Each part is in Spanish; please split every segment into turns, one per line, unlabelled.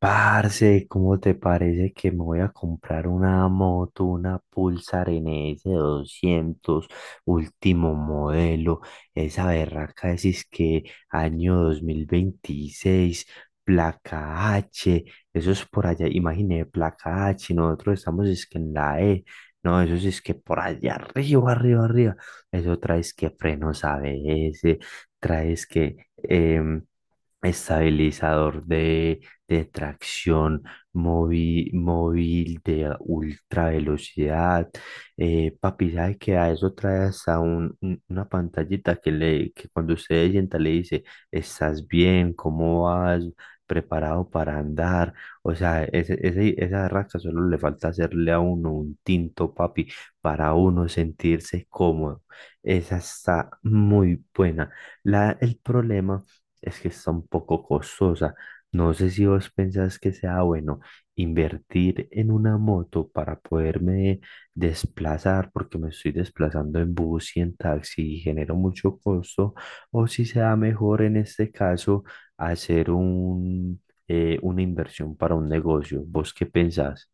Parce, ¿cómo te parece que me voy a comprar una moto, una Pulsar NS 200, último modelo? Esa berraca es que año 2026, placa H. Eso es por allá, imagine, placa H, nosotros estamos es que en la E. No, eso sí es que por allá arriba, arriba, arriba. Eso traes que frenos ABS, traes que estabilizador de tracción móvil, móvil de ultra velocidad. Papi, ¿sabe que a eso trae hasta una pantallita que, le, que cuando usted se sienta le dice, ¿estás bien? ¿Cómo vas? ¿Preparado para andar? O sea, esa raca solo le falta hacerle a uno un tinto, papi, para uno sentirse cómodo. Esa está muy buena. El problema es que está un poco costosa. No sé si vos pensás que sea bueno invertir en una moto para poderme desplazar, porque me estoy desplazando en bus y en taxi y genero mucho costo, o si sea mejor en este caso hacer una inversión para un negocio. ¿Vos qué pensás?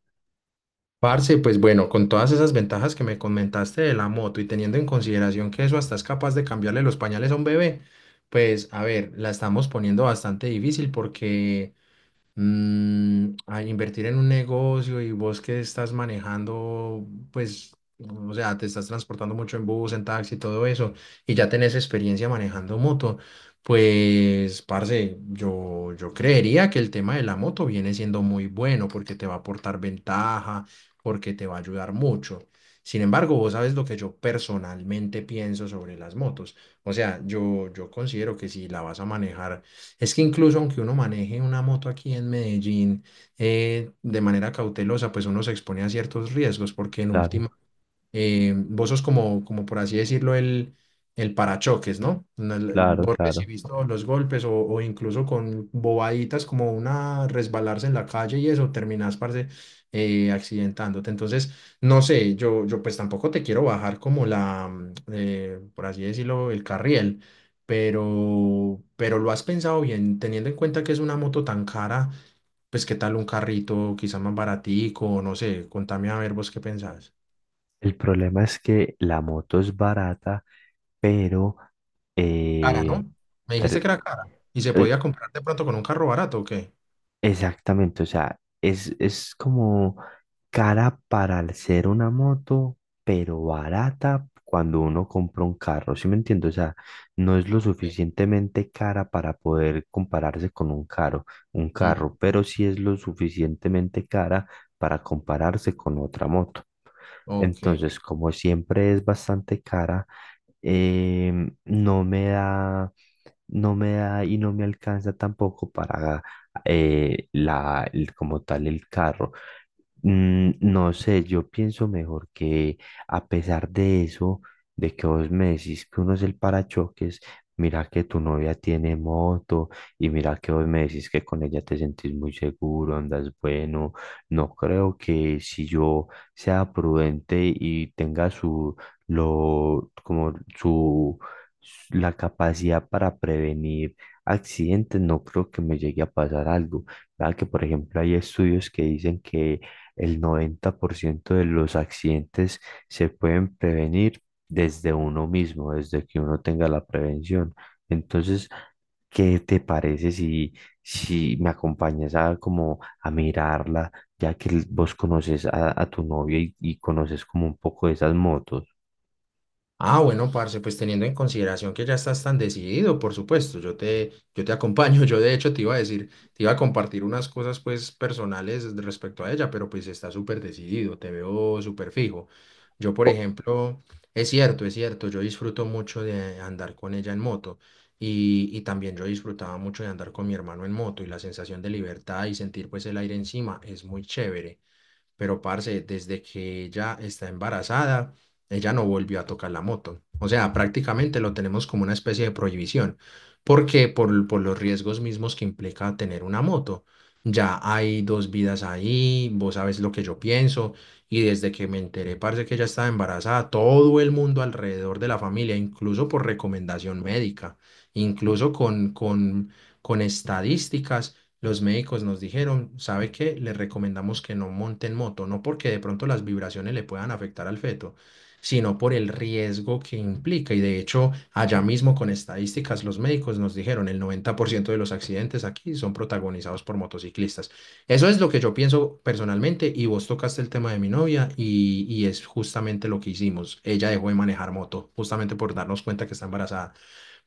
Parce, pues bueno, con todas esas ventajas que me comentaste de la moto y teniendo en consideración que eso hasta es capaz de cambiarle los pañales a un bebé, pues a ver, la estamos poniendo bastante difícil porque a invertir en un negocio y vos que estás manejando, pues, o sea, te estás transportando mucho en bus, en taxi, todo eso, y ya tenés experiencia manejando moto, pues, parce, yo creería que el tema de la moto viene siendo muy bueno porque te va a aportar ventaja, porque te va a ayudar mucho. Sin embargo, vos sabes lo que yo personalmente pienso sobre las motos. O sea, yo considero que si la vas a manejar es que incluso aunque uno maneje una moto aquí en Medellín de manera cautelosa, pues uno se expone a ciertos riesgos, porque en
Claro,
última vos sos como, como por así decirlo, el parachoques, ¿no? No,
claro,
vos
claro.
recibís todos los golpes o incluso con bobaditas como una resbalarse en la calle y eso, terminás, parce, accidentándote. Entonces, no sé, yo pues tampoco te quiero bajar como la, por así decirlo, el carriel. Pero lo has pensado bien, teniendo en cuenta que es una moto tan cara, pues qué tal un carrito, quizá más baratico, no sé, contame a ver vos qué pensás.
El problema es que la moto es barata, pero...
Cara,
eh,
¿no? Me dijiste que
per-
era cara. ¿Y se
eh,
podía comprar de pronto con un carro barato o qué?
Exactamente, o sea, es como cara para el ser una moto, pero barata cuando uno compra un carro, ¿sí me entiendo? O sea, no es lo
Sí.
suficientemente cara para poder compararse con un
Ujú.
carro, pero sí es lo suficientemente cara para compararse con otra moto.
Ok.
Entonces, como siempre es bastante cara, em, no me da, no me da y no me alcanza tampoco para como tal el carro. No sé, yo pienso mejor que a pesar de eso, de que vos me decís que uno es el parachoques, mira que tu novia tiene moto y mira que vos me decís que con ella te sentís muy seguro, andas bueno. No creo que si yo sea prudente y tenga su, lo, como su, s- la capacidad para prevenir accidentes. No creo que me llegue a pasar algo. Vea que, por ejemplo, hay estudios que dicen que el 90% de los accidentes se pueden prevenir desde uno mismo, desde que uno tenga la prevención. Entonces, ¿qué te parece si me acompañas a como a mirarla, ya que vos conoces a tu novia y conoces como un poco de esas motos?
Ah, bueno, parce, pues teniendo en consideración que ya estás tan decidido, por supuesto, yo te acompaño. Yo de hecho te iba a decir, te iba a compartir unas cosas pues personales respecto a ella, pero pues está súper decidido, te veo súper fijo. Yo, por
O-
ejemplo, es cierto, yo disfruto mucho de andar con ella en moto y también yo disfrutaba mucho de andar con mi hermano en moto y la sensación de libertad y sentir pues el aire encima es muy chévere pero parce, desde que ella está embarazada, ella no volvió a tocar la moto. O sea, prácticamente lo tenemos como una especie de prohibición, porque por los riesgos mismos que implica tener una moto. Ya hay dos vidas ahí, vos sabes lo que yo pienso, y desde que me enteré, parce, que ella estaba embarazada, todo el mundo alrededor de la familia, incluso por recomendación médica, incluso con estadísticas los médicos nos dijeron, ¿sabe qué? Le recomendamos que no monten moto, no porque de pronto las vibraciones le puedan afectar al feto, sino por el riesgo que implica. Y de hecho, allá mismo con estadísticas, los médicos nos dijeron, el 90% de los accidentes aquí son protagonizados por motociclistas. Eso es lo que yo pienso personalmente y vos tocaste el tema de mi novia y es justamente lo que hicimos. Ella dejó de manejar moto, justamente por darnos cuenta que está embarazada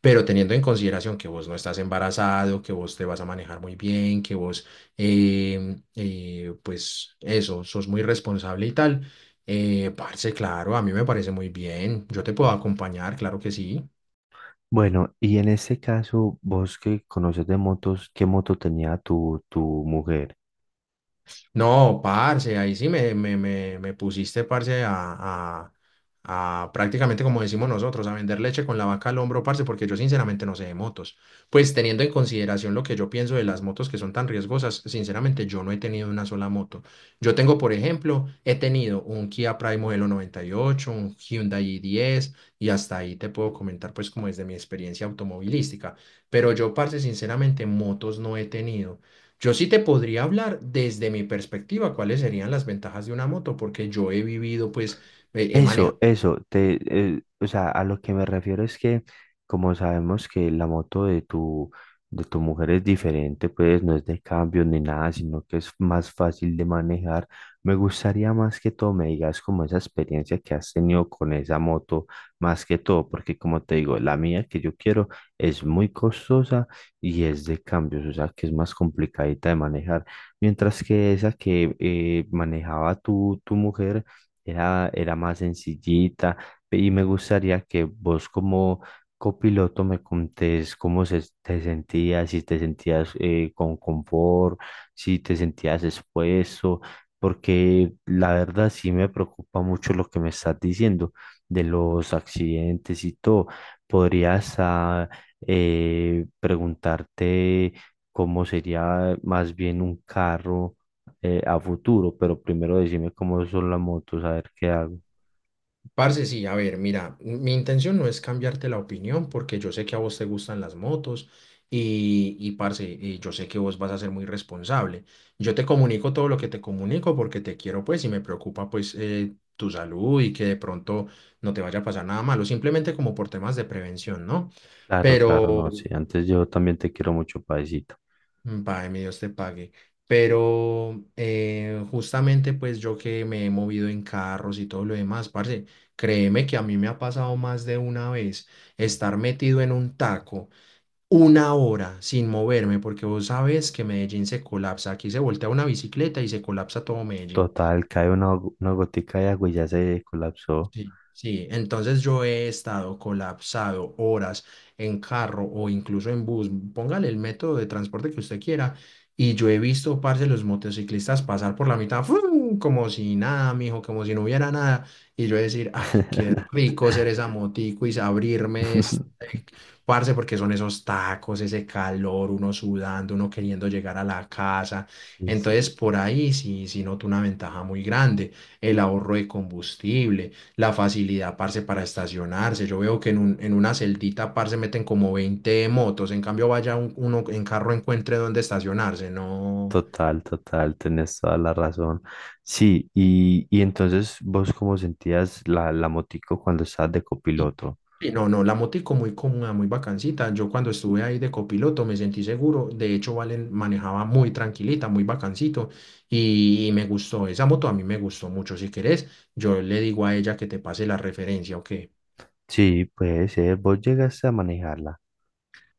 pero teniendo en consideración que vos no estás embarazado, que vos te vas a manejar muy bien, que vos, pues eso, sos muy responsable y tal, parce, claro, a mí me parece muy bien, yo te puedo acompañar, claro que sí.
bueno, y en este caso, vos que conoces de motos, ¿qué moto tenía tu mujer?
No, parce, ahí sí me pusiste, parce, a prácticamente como decimos nosotros, a vender leche con la vaca al hombro, parce, porque yo sinceramente no sé de motos. Pues teniendo en consideración lo que yo pienso de las motos que son tan riesgosas, sinceramente yo no he tenido una sola moto. Yo tengo, por ejemplo, he tenido un Kia Pride modelo 98, un Hyundai i10 y hasta ahí te puedo comentar pues como desde mi experiencia automovilística. Pero yo, parce, sinceramente motos no he tenido. Yo sí te podría hablar desde mi perspectiva cuáles serían las ventajas de una moto, porque yo he vivido, pues, he manejado.
Eso, eso, te, o sea, a lo que me refiero es que como sabemos que la moto de de tu mujer es diferente, pues no es de cambio ni nada, sino que es más fácil de manejar. Me gustaría más que todo me digas como esa experiencia que has tenido con esa moto, más que todo, porque como te digo, la mía que yo quiero es muy costosa y es de cambios, o sea, que es más complicadita de manejar, mientras que esa que manejaba tu mujer era más sencillita. Y me gustaría que vos como copiloto me contés cómo te sentías, si te sentías con confort, si te sentías expuesto, porque la verdad sí me preocupa mucho lo que me estás diciendo de los accidentes y todo. ¿Podrías ah, Preguntarte cómo sería más bien un carro, a futuro. Pero primero decime cómo son las motos, a ver qué hago.
Parce, sí, a ver, mira, mi intención no es cambiarte la opinión, porque yo sé que a vos te gustan las motos y parce, yo sé que vos vas a ser muy responsable. Yo te comunico todo lo que te comunico porque te quiero, pues, y me preocupa, pues, tu salud y que de pronto no te vaya a pasar nada malo, simplemente como por temas de prevención, ¿no? Claro.
Claro, claro,
Pero,
no sé. Antes yo también te quiero mucho, paisito.
págame, Dios te pague. Pero justamente pues yo que me he movido en carros y todo lo demás, parce, créeme que a mí me ha pasado más de una vez estar metido en un taco una hora sin moverme, porque vos sabes que Medellín se colapsa, aquí se voltea una bicicleta y se colapsa todo Medellín.
Total, cae una gotica de agua y ya se colapsó.
Sí, sí, entonces yo he estado colapsado horas en carro o incluso en bus, póngale el método de transporte que usted quiera, y yo he visto, parce, los motociclistas pasar por la mitad, ¡fum! Como si nada, mijo, como si no hubiera nada, y yo decir, ay, qué rico ser esa motico y abrirme. Parce, porque son esos tacos, ese calor, uno sudando, uno queriendo llegar a la casa.
Sí, sí.
Entonces, por ahí sí, sí noto una ventaja muy grande. El ahorro de combustible, la facilidad, parce, para estacionarse. Yo veo que en una celdita, parce, meten como 20 motos. En cambio, vaya uno en carro encuentre dónde estacionarse. No.
Total, total, tenés toda la razón. Sí, y entonces vos cómo sentías la motico cuando estabas de
Y,
copiloto.
y no, la motico muy cómoda, muy bacancita. Yo cuando estuve ahí de copiloto me sentí seguro. De hecho, Valen manejaba muy tranquilita, muy bacancito. Y me gustó, esa moto a mí me gustó mucho. Si querés, yo le digo a ella que te pase la referencia, ¿o qué?
Sí, puede ser, vos llegaste a manejarla.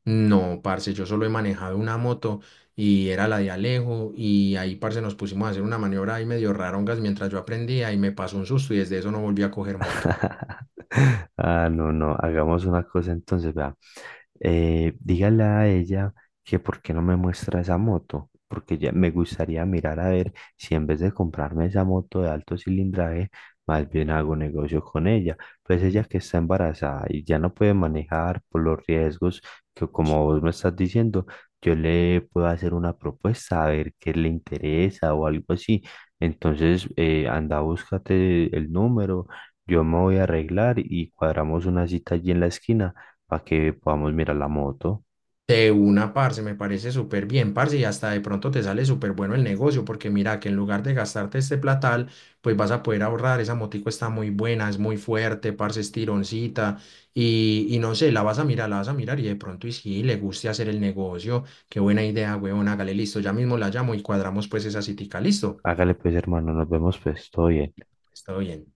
No, parce, yo solo he manejado una moto y era la de Alejo. Y ahí, parce, nos pusimos a hacer una maniobra ahí medio rarongas mientras yo aprendía y me pasó un susto y desde eso no volví a coger moto.
Ah, no, no, hagamos una cosa entonces, vea. Dígale a ella que por qué no me muestra esa moto, porque ya me gustaría mirar a ver si en vez de comprarme esa moto de alto cilindraje, más bien hago negocio con ella. Pues ella que está embarazada y ya no puede manejar por los riesgos que como vos me estás diciendo, yo le puedo hacer una propuesta a ver qué le interesa o algo así. Entonces, anda, búscate el número, yo me voy a arreglar y cuadramos una cita allí en la esquina para que podamos mirar la moto.
De una, parce, me parece súper bien, parce, y hasta de pronto te sale súper bueno el negocio, porque mira que en lugar de gastarte este platal, pues vas a poder ahorrar, esa motico está muy buena, es muy fuerte, parce, es tironcita, y no sé, la vas a mirar, la vas a mirar, y de pronto y sí, le guste hacer el negocio, qué buena idea, weón hágale, listo, ya mismo la llamo y cuadramos pues esa citica, listo,
Hágale pues, hermano, nos vemos pues, todo bien.
está bien.